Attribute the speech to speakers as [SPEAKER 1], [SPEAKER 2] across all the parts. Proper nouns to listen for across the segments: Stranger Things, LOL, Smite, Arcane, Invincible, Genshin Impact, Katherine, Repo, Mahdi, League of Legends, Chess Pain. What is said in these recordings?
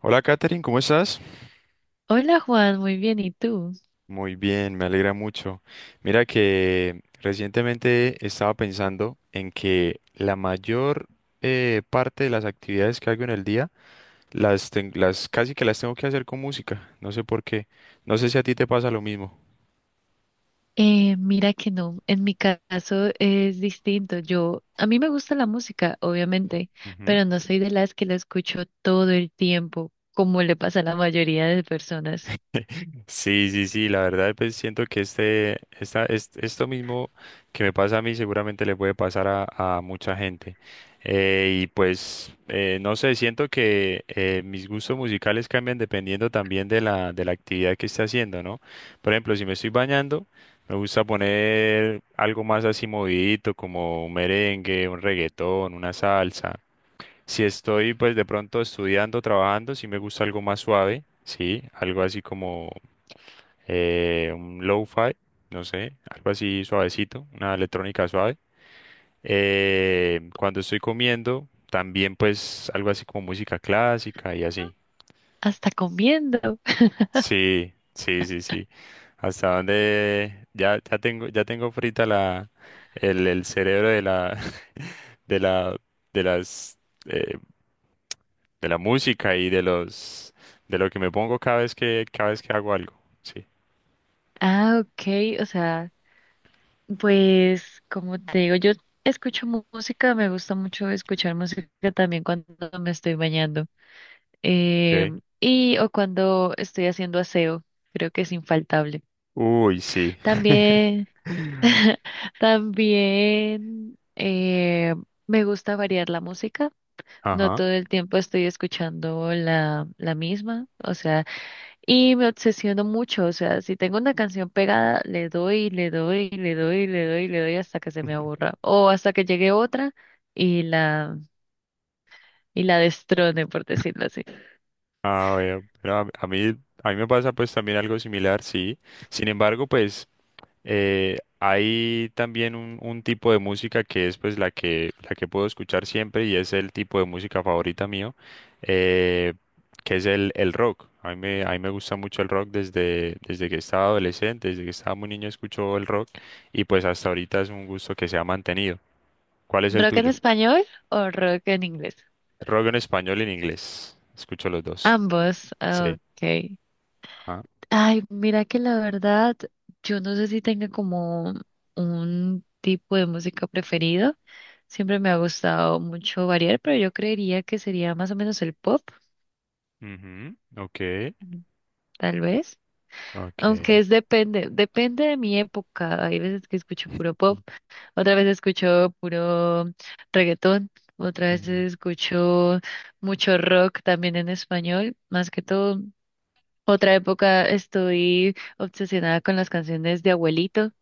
[SPEAKER 1] Hola Katherine, ¿cómo estás?
[SPEAKER 2] Hola Juan, muy bien, ¿y tú?
[SPEAKER 1] Muy bien, me alegra mucho. Mira que recientemente estaba pensando en que la mayor parte de las actividades que hago en el día las casi que las tengo que hacer con música. No sé por qué. No sé si a ti te pasa lo mismo.
[SPEAKER 2] Mira que no, en mi caso es distinto. Yo, a mí me gusta la música, obviamente, pero no soy de las que la escucho todo el tiempo, como le pasa a la mayoría de personas,
[SPEAKER 1] Sí, sí, sí, la verdad, pues siento que esto mismo que me pasa a mí seguramente le puede pasar a mucha gente. Y pues, no sé, siento que mis gustos musicales cambian dependiendo también de de la actividad que esté haciendo, ¿no? Por ejemplo, si me estoy bañando, me gusta poner algo más así movidito, como un merengue, un reggaetón, una salsa. Si estoy pues de pronto estudiando, trabajando, sí me gusta algo más suave, sí, algo así como un lo-fi, no sé, algo así suavecito, una electrónica suave. Cuando estoy comiendo, también pues algo así como música clásica y así.
[SPEAKER 2] hasta comiendo.
[SPEAKER 1] Sí, sí, sí, sí. Hasta donde ya tengo frita el cerebro de de la, de las, eh, de la música y de de lo que me pongo cada vez cada vez que hago algo. Sí.
[SPEAKER 2] Ah, ok, o sea, pues como te digo, yo escucho música, me gusta mucho escuchar música también cuando me estoy bañando, eh,
[SPEAKER 1] Okay.
[SPEAKER 2] y o cuando estoy haciendo aseo, creo que es infaltable.
[SPEAKER 1] Uy, sí.
[SPEAKER 2] También, también me gusta variar la música. No
[SPEAKER 1] Ajá.
[SPEAKER 2] todo el tiempo estoy escuchando la misma, o sea, y me obsesiono mucho, o sea, si tengo una canción pegada, le doy hasta que se me aburra, o hasta que llegue otra y la, y la destrone, por decirlo así.
[SPEAKER 1] Ah, bueno, a mí me pasa pues también algo similar, sí. Sin embargo, pues hay también un tipo de música que es pues la que puedo escuchar siempre y es el tipo de música favorita mío, eh, que es el rock. A mí me gusta mucho el rock desde que estaba adolescente, desde que estaba muy niño escucho el rock y pues hasta ahorita es un gusto que se ha mantenido. ¿Cuál es el
[SPEAKER 2] ¿Rock en
[SPEAKER 1] tuyo?
[SPEAKER 2] español o rock en inglés?
[SPEAKER 1] Rock en español y en inglés. Escucho los dos.
[SPEAKER 2] Ambos, ah,
[SPEAKER 1] Sí.
[SPEAKER 2] ok.
[SPEAKER 1] Ajá.
[SPEAKER 2] Ay, mira que la verdad, yo no sé si tenga como un tipo de música preferido. Siempre me ha gustado mucho variar, pero yo creería que sería más o menos el pop,
[SPEAKER 1] Ujú, Ok.
[SPEAKER 2] mm, tal vez.
[SPEAKER 1] Ok.
[SPEAKER 2] Aunque es depende de mi época. Hay veces que escucho puro pop, otra vez escucho puro reggaetón, otra vez
[SPEAKER 1] Ujú.
[SPEAKER 2] escucho mucho rock también en español, más que todo. Otra época estoy obsesionada con las canciones de abuelitos,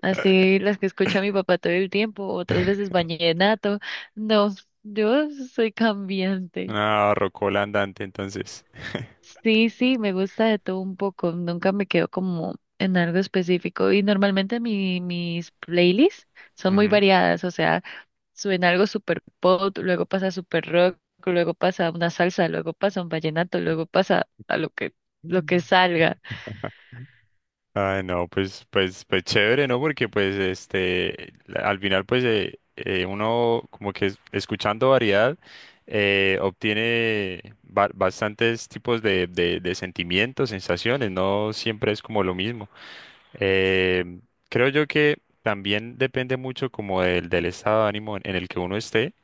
[SPEAKER 2] así las que escucha mi papá todo el tiempo, otras veces vallenato. No, yo soy cambiante.
[SPEAKER 1] Una rocola andante, entonces.
[SPEAKER 2] Sí, sí, me gusta de todo un poco, nunca me quedo como en algo específico y normalmente mis playlists son muy
[SPEAKER 1] Ujú.
[SPEAKER 2] variadas, o sea, suena algo super pop, luego pasa super rock, luego pasa una salsa, luego pasa un vallenato, luego pasa a lo que
[SPEAKER 1] Mm.
[SPEAKER 2] salga.
[SPEAKER 1] Ay, no, pues, pues, pues chévere, ¿no? Porque pues este, la- al final pues uno como que es- escuchando variedad obtiene ba- bastantes tipos de sentimientos, sensaciones, no siempre es como lo mismo. Eh, Creo yo que también depende mucho como del estado de ánimo en el que uno esté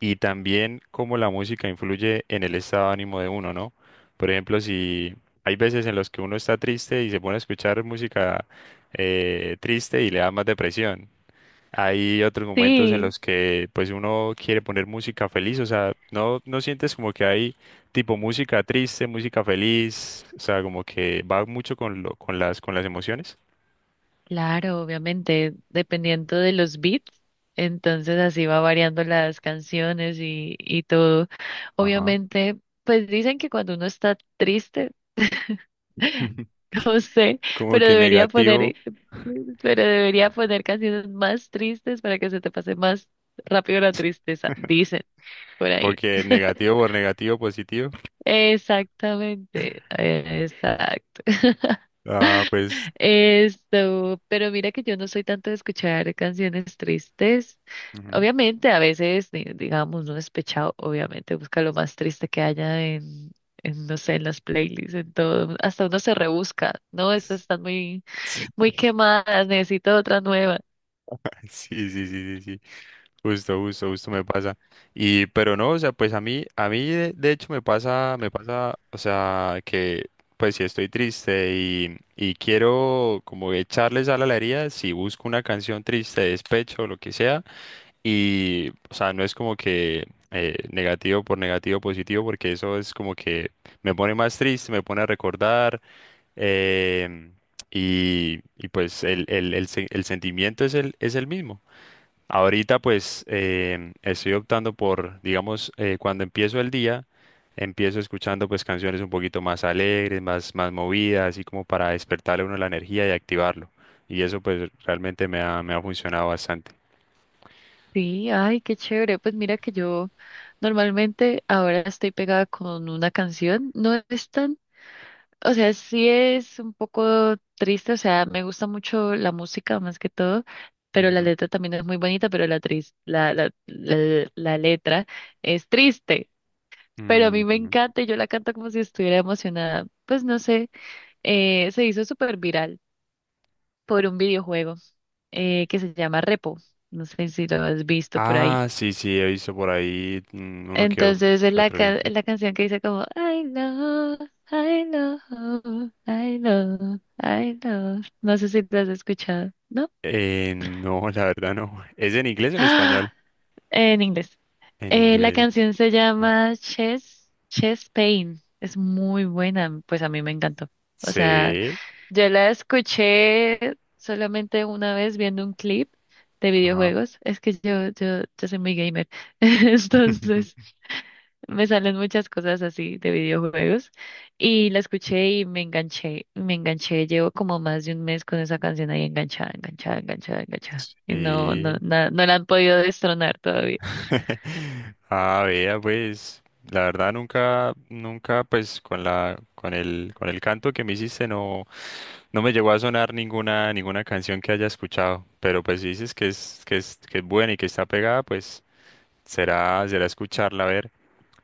[SPEAKER 1] y también cómo la música influye en el estado de ánimo de uno, ¿no? Por ejemplo, si hay veces en los que uno está triste y se pone a escuchar música triste y le da más depresión. Hay otros momentos en
[SPEAKER 2] Sí.
[SPEAKER 1] los que pues uno quiere poner música feliz, o sea, no, no sientes como que hay tipo música triste, música feliz, o sea, como que va mucho con lo, con las emociones.
[SPEAKER 2] Claro, obviamente, dependiendo de los beats, entonces así va variando las canciones y todo.
[SPEAKER 1] Ajá.
[SPEAKER 2] Obviamente, pues dicen que cuando uno está triste, no sé,
[SPEAKER 1] Como
[SPEAKER 2] pero
[SPEAKER 1] que
[SPEAKER 2] debería
[SPEAKER 1] negativo,
[SPEAKER 2] poner, pero debería poner canciones más tristes para que se te pase más rápido la tristeza, dicen por
[SPEAKER 1] como
[SPEAKER 2] ahí.
[SPEAKER 1] que negativo por negativo, positivo.
[SPEAKER 2] Exactamente, exacto.
[SPEAKER 1] Ah, pues.
[SPEAKER 2] Esto, pero mira que yo no soy tanto de escuchar canciones tristes.
[SPEAKER 1] Ujú.
[SPEAKER 2] Obviamente, a veces, digamos, no despechado, obviamente busca lo más triste que haya en, no sé, en las playlists, en todo. Hasta uno se rebusca, ¿no? Estas están muy,
[SPEAKER 1] Sí,
[SPEAKER 2] muy quemadas, necesito otra nueva.
[SPEAKER 1] sí, sí, sí, sí. sí. Justo, justo, justo me pasa. Y, pero no, o sea, pues a mí de hecho me pasa, o sea, que pues si estoy triste y quiero como echarle sal a la herida, si busco una canción triste, de despecho, o lo que sea, y, o sea, no es como que negativo por negativo, positivo, porque eso es como que me pone más triste, me pone a recordar. em, y, y, pues el sentimiento es el mismo. Ahorita pues estoy optando por, digamos, cuando empiezo el día, empiezo escuchando pues canciones un poquito más alegres, más, más movidas, así como para despertarle a uno la energía y activarlo. Y eso pues realmente me ha funcionado bastante.
[SPEAKER 2] Sí, ay, qué chévere. Pues mira que yo normalmente ahora estoy pegada con una canción. No es tan... O sea, sí es un poco triste, o sea, me gusta mucho la música más que todo, pero la
[SPEAKER 1] Ujú.
[SPEAKER 2] letra también es muy bonita, pero la, tris- la letra es triste, pero a mí me
[SPEAKER 1] Ujú.
[SPEAKER 2] encanta y yo la canto como si estuviera emocionada. Pues no sé, se hizo súper viral por un videojuego que se llama Repo, no sé si lo has visto por
[SPEAKER 1] Ah,
[SPEAKER 2] ahí.
[SPEAKER 1] sí, sí, he visto por ahí mm, uno o-
[SPEAKER 2] Entonces es
[SPEAKER 1] que otro gameplay.
[SPEAKER 2] la canción que dice como I know, I know, I know, I know. No sé si la has escuchado, ¿no?
[SPEAKER 1] No, la verdad no. ¿Es en inglés o en español?
[SPEAKER 2] ¡Ah! En inglés.
[SPEAKER 1] En
[SPEAKER 2] La
[SPEAKER 1] inglés.
[SPEAKER 2] canción se
[SPEAKER 1] ¿No?
[SPEAKER 2] llama Chess, Chess Pain. Es muy buena, pues a mí me encantó. O sea,
[SPEAKER 1] Sí.
[SPEAKER 2] yo la escuché solamente una vez viendo un clip de
[SPEAKER 1] Ajá.
[SPEAKER 2] videojuegos. Es que yo soy muy gamer. Entonces. Me salen muchas cosas así de videojuegos y la escuché y me enganché, llevo como más de un mes con esa canción ahí enganchada. Y
[SPEAKER 1] Sí.
[SPEAKER 2] no la han podido destronar todavía.
[SPEAKER 1] Ah, vea, pues, la verdad nunca, nunca, pues, con con el canto que me hiciste no, no me llegó a sonar ninguna, ninguna canción que haya escuchado. Pero pues si dices que es, que es, que es buena y que está pegada, pues será, será escucharla, a ver.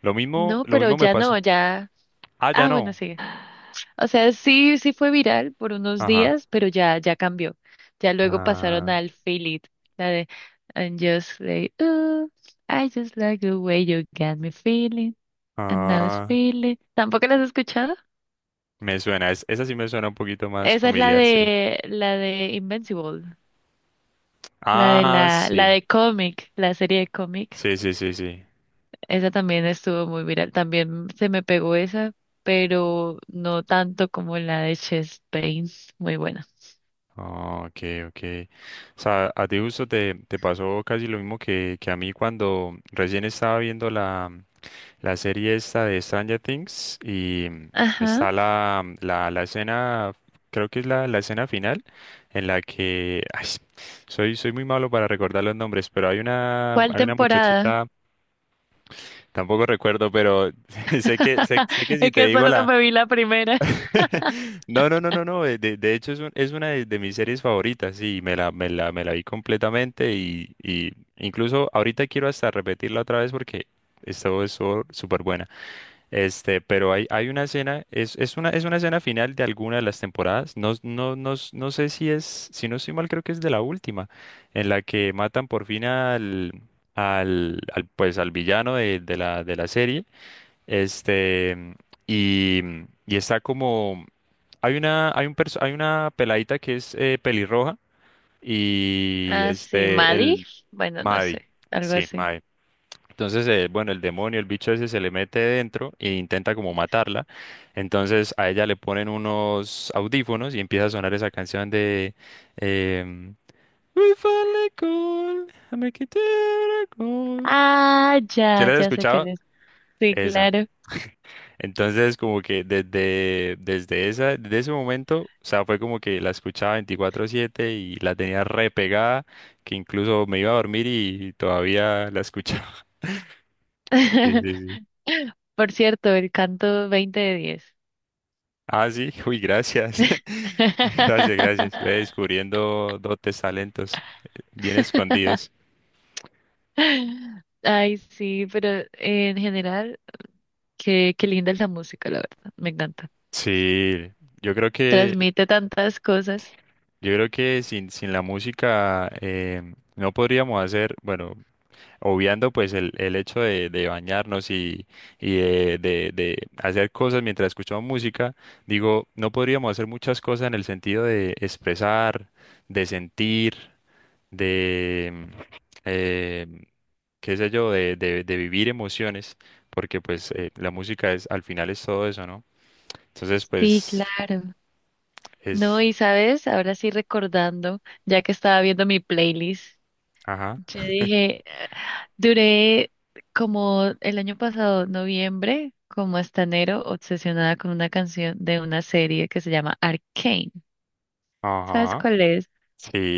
[SPEAKER 2] No,
[SPEAKER 1] Lo
[SPEAKER 2] pero
[SPEAKER 1] mismo me
[SPEAKER 2] ya no,
[SPEAKER 1] pasó.
[SPEAKER 2] ya.
[SPEAKER 1] Ah, ya
[SPEAKER 2] Ah, bueno,
[SPEAKER 1] no.
[SPEAKER 2] sí. O sea, sí, sí fue viral por unos
[SPEAKER 1] Ajá.
[SPEAKER 2] días, pero ya, ya cambió. Ya luego pasaron
[SPEAKER 1] Ah,
[SPEAKER 2] al Feel It, la de And just like, ooh, I just like the way you got me feeling, and now it's
[SPEAKER 1] ah,
[SPEAKER 2] feeling. ¿Tampoco las has escuchado?
[SPEAKER 1] me suena, es- esa sí me suena un poquito más
[SPEAKER 2] Esa es
[SPEAKER 1] familiar, sí.
[SPEAKER 2] la de Invincible, la de
[SPEAKER 1] Ah,
[SPEAKER 2] la
[SPEAKER 1] sí,
[SPEAKER 2] de cómic, la serie de cómic.
[SPEAKER 1] sí, sí, sí, sí.
[SPEAKER 2] Esa también estuvo muy viral, también se me pegó esa, pero no tanto como la de Chess Pain, muy buena.
[SPEAKER 1] Ah, ok, ok. O sea, a ti justo te pasó casi lo mismo que a mí cuando recién estaba viendo la serie esta de Stranger Things y
[SPEAKER 2] Ajá.
[SPEAKER 1] está la escena, creo que es la escena final en la que, ay, soy, soy muy malo para recordar los nombres, pero
[SPEAKER 2] ¿Cuál
[SPEAKER 1] hay una
[SPEAKER 2] temporada?
[SPEAKER 1] muchachita, tampoco recuerdo, pero sé que, sé, sé que si
[SPEAKER 2] Es
[SPEAKER 1] te
[SPEAKER 2] que
[SPEAKER 1] digo
[SPEAKER 2] solo
[SPEAKER 1] la
[SPEAKER 2] me vi la primera.
[SPEAKER 1] No, no, no, no, no. De hecho, es, un- es una de mis series favoritas. Y, me la, me la, me la vi completamente. Y incluso ahorita quiero hasta repetirla otra vez porque esto es súper buena. Este, pero hay una escena, es una escena final de alguna de las temporadas. No, no, no, s- no sé si es, si no estoy mal, creo que es de la última, en la que matan por fin al, pues, al villano de, de la serie. Este, y, y está como, hay una, hay un perso- hay una peladita que es pelirroja y
[SPEAKER 2] Ah, sí,
[SPEAKER 1] este,
[SPEAKER 2] Maddie.
[SPEAKER 1] el
[SPEAKER 2] Bueno, no
[SPEAKER 1] Mahdi,
[SPEAKER 2] sé, algo
[SPEAKER 1] sí,
[SPEAKER 2] así.
[SPEAKER 1] Mahdi. Entonces, bueno, el demonio, el bicho ese se le mete dentro e intenta como matarla. Entonces a ella le ponen unos audífonos y empieza a sonar esa canción de em, We finally call, I make it a miracle.
[SPEAKER 2] Ah,
[SPEAKER 1] ¿Se
[SPEAKER 2] ya,
[SPEAKER 1] la has
[SPEAKER 2] ya sé que
[SPEAKER 1] escuchado?
[SPEAKER 2] es. Sí,
[SPEAKER 1] Esa.
[SPEAKER 2] claro.
[SPEAKER 1] Entonces, como que desde, desde esa, desde ese momento, o sea, fue como que la escuchaba 24/7 y la tenía re pegada, que incluso me iba a dormir y todavía la escuchaba. Sí, sí, sí.
[SPEAKER 2] Por cierto, el canto 20 de 10.
[SPEAKER 1] Ah, sí, uy, gracias. Gracias, gracias. Ve descubriendo dotes, talentos bien escondidos.
[SPEAKER 2] Ay, sí, pero en general, qué, qué linda es la música, la verdad, me encanta.
[SPEAKER 1] Sí, yo creo que,
[SPEAKER 2] Transmite tantas cosas.
[SPEAKER 1] yo creo que sin, sin la música no podríamos hacer, bueno, obviando pues el hecho de bañarnos y de hacer cosas mientras escuchamos música, digo, no podríamos hacer muchas cosas en el sentido de expresar, de sentir, de, eh, qué sé yo, de vivir emociones, porque pues la música es, al final es todo eso, ¿no? Entonces
[SPEAKER 2] Sí,
[SPEAKER 1] pues
[SPEAKER 2] claro. No,
[SPEAKER 1] es,
[SPEAKER 2] y sabes, ahora sí recordando, ya que estaba viendo mi playlist,
[SPEAKER 1] ajá,
[SPEAKER 2] yo dije, duré como el año pasado, noviembre, como hasta enero, obsesionada con una canción de una serie que se llama Arcane. ¿Sabes
[SPEAKER 1] ajá,
[SPEAKER 2] cuál es?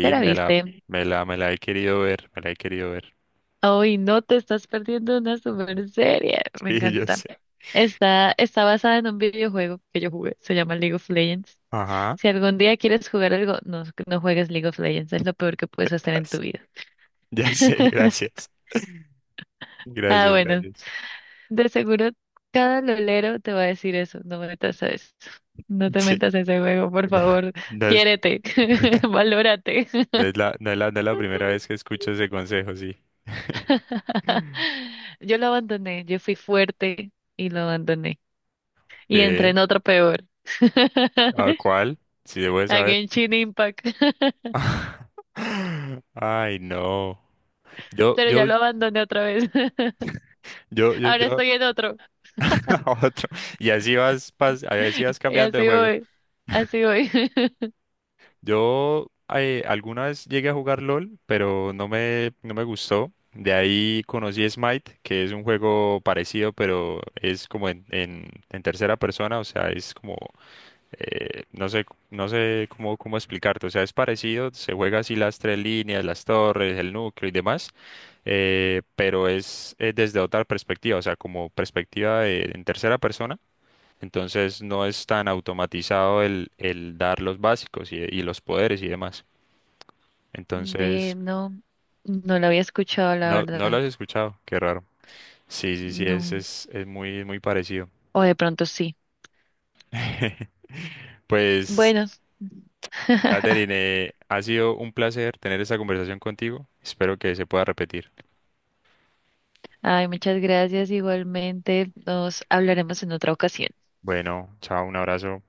[SPEAKER 2] ¿Te la
[SPEAKER 1] me la,
[SPEAKER 2] viste?
[SPEAKER 1] me la he querido ver, me la he querido ver,
[SPEAKER 2] Hoy no te estás perdiendo una super serie. Me
[SPEAKER 1] sí, yo
[SPEAKER 2] encanta.
[SPEAKER 1] sé,
[SPEAKER 2] Está, está basada en un videojuego que yo jugué. Se llama League of Legends.
[SPEAKER 1] ajá.
[SPEAKER 2] Si algún día quieres jugar algo, no, no juegues League of Legends. Es lo peor que puedes hacer en tu vida.
[SPEAKER 1] Ya sé, gracias.
[SPEAKER 2] Ah,
[SPEAKER 1] Gracias,
[SPEAKER 2] bueno.
[SPEAKER 1] gracias.
[SPEAKER 2] De seguro cada lolero te va a decir eso. No me metas a eso. No te
[SPEAKER 1] Sí,
[SPEAKER 2] metas a ese juego, por
[SPEAKER 1] ya.
[SPEAKER 2] favor.
[SPEAKER 1] No es,
[SPEAKER 2] Quiérete. Valórate.
[SPEAKER 1] no es no es no es la primera vez que escucho ese consejo, sí.
[SPEAKER 2] Yo lo abandoné. Yo fui fuerte y lo abandoné, y entré
[SPEAKER 1] ¿Qué?
[SPEAKER 2] en otro peor.
[SPEAKER 1] ¿A cuál? Si debo de
[SPEAKER 2] A
[SPEAKER 1] saber.
[SPEAKER 2] Genshin Impact.
[SPEAKER 1] Ay, no. Yo,
[SPEAKER 2] Pero ya
[SPEAKER 1] yo,
[SPEAKER 2] lo abandoné otra vez.
[SPEAKER 1] yo, yo,
[SPEAKER 2] Ahora
[SPEAKER 1] yo,
[SPEAKER 2] estoy en otro.
[SPEAKER 1] a otro. Y así vas, pas- así vas
[SPEAKER 2] Y
[SPEAKER 1] cambiando de
[SPEAKER 2] así
[SPEAKER 1] juego.
[SPEAKER 2] voy. Así voy.
[SPEAKER 1] Yo alguna vez llegué a jugar LOL, pero no me, no me gustó. De ahí conocí Smite, que es un juego parecido, pero es como en tercera persona, o sea, es como, no sé, no sé cómo, cómo explicarte, o sea, es parecido, se juega así las tres líneas, las torres, el núcleo y demás, pero es, desde otra perspectiva, o sea, como perspectiva de- en tercera persona entonces no es tan automatizado el dar los básicos y los poderes y demás.
[SPEAKER 2] Ve,
[SPEAKER 1] Entonces,
[SPEAKER 2] no. No lo había escuchado, la
[SPEAKER 1] no, no lo
[SPEAKER 2] verdad.
[SPEAKER 1] has escuchado, qué raro. Sí, sí, sí,
[SPEAKER 2] No.
[SPEAKER 1] es muy, muy parecido.
[SPEAKER 2] O de pronto sí.
[SPEAKER 1] Pues,
[SPEAKER 2] Bueno.
[SPEAKER 1] Katherine, ha sido un placer tener esta conversación contigo. Espero que se pueda repetir.
[SPEAKER 2] Ay, muchas gracias. Igualmente, nos hablaremos en otra ocasión.
[SPEAKER 1] Bueno, chao, un abrazo.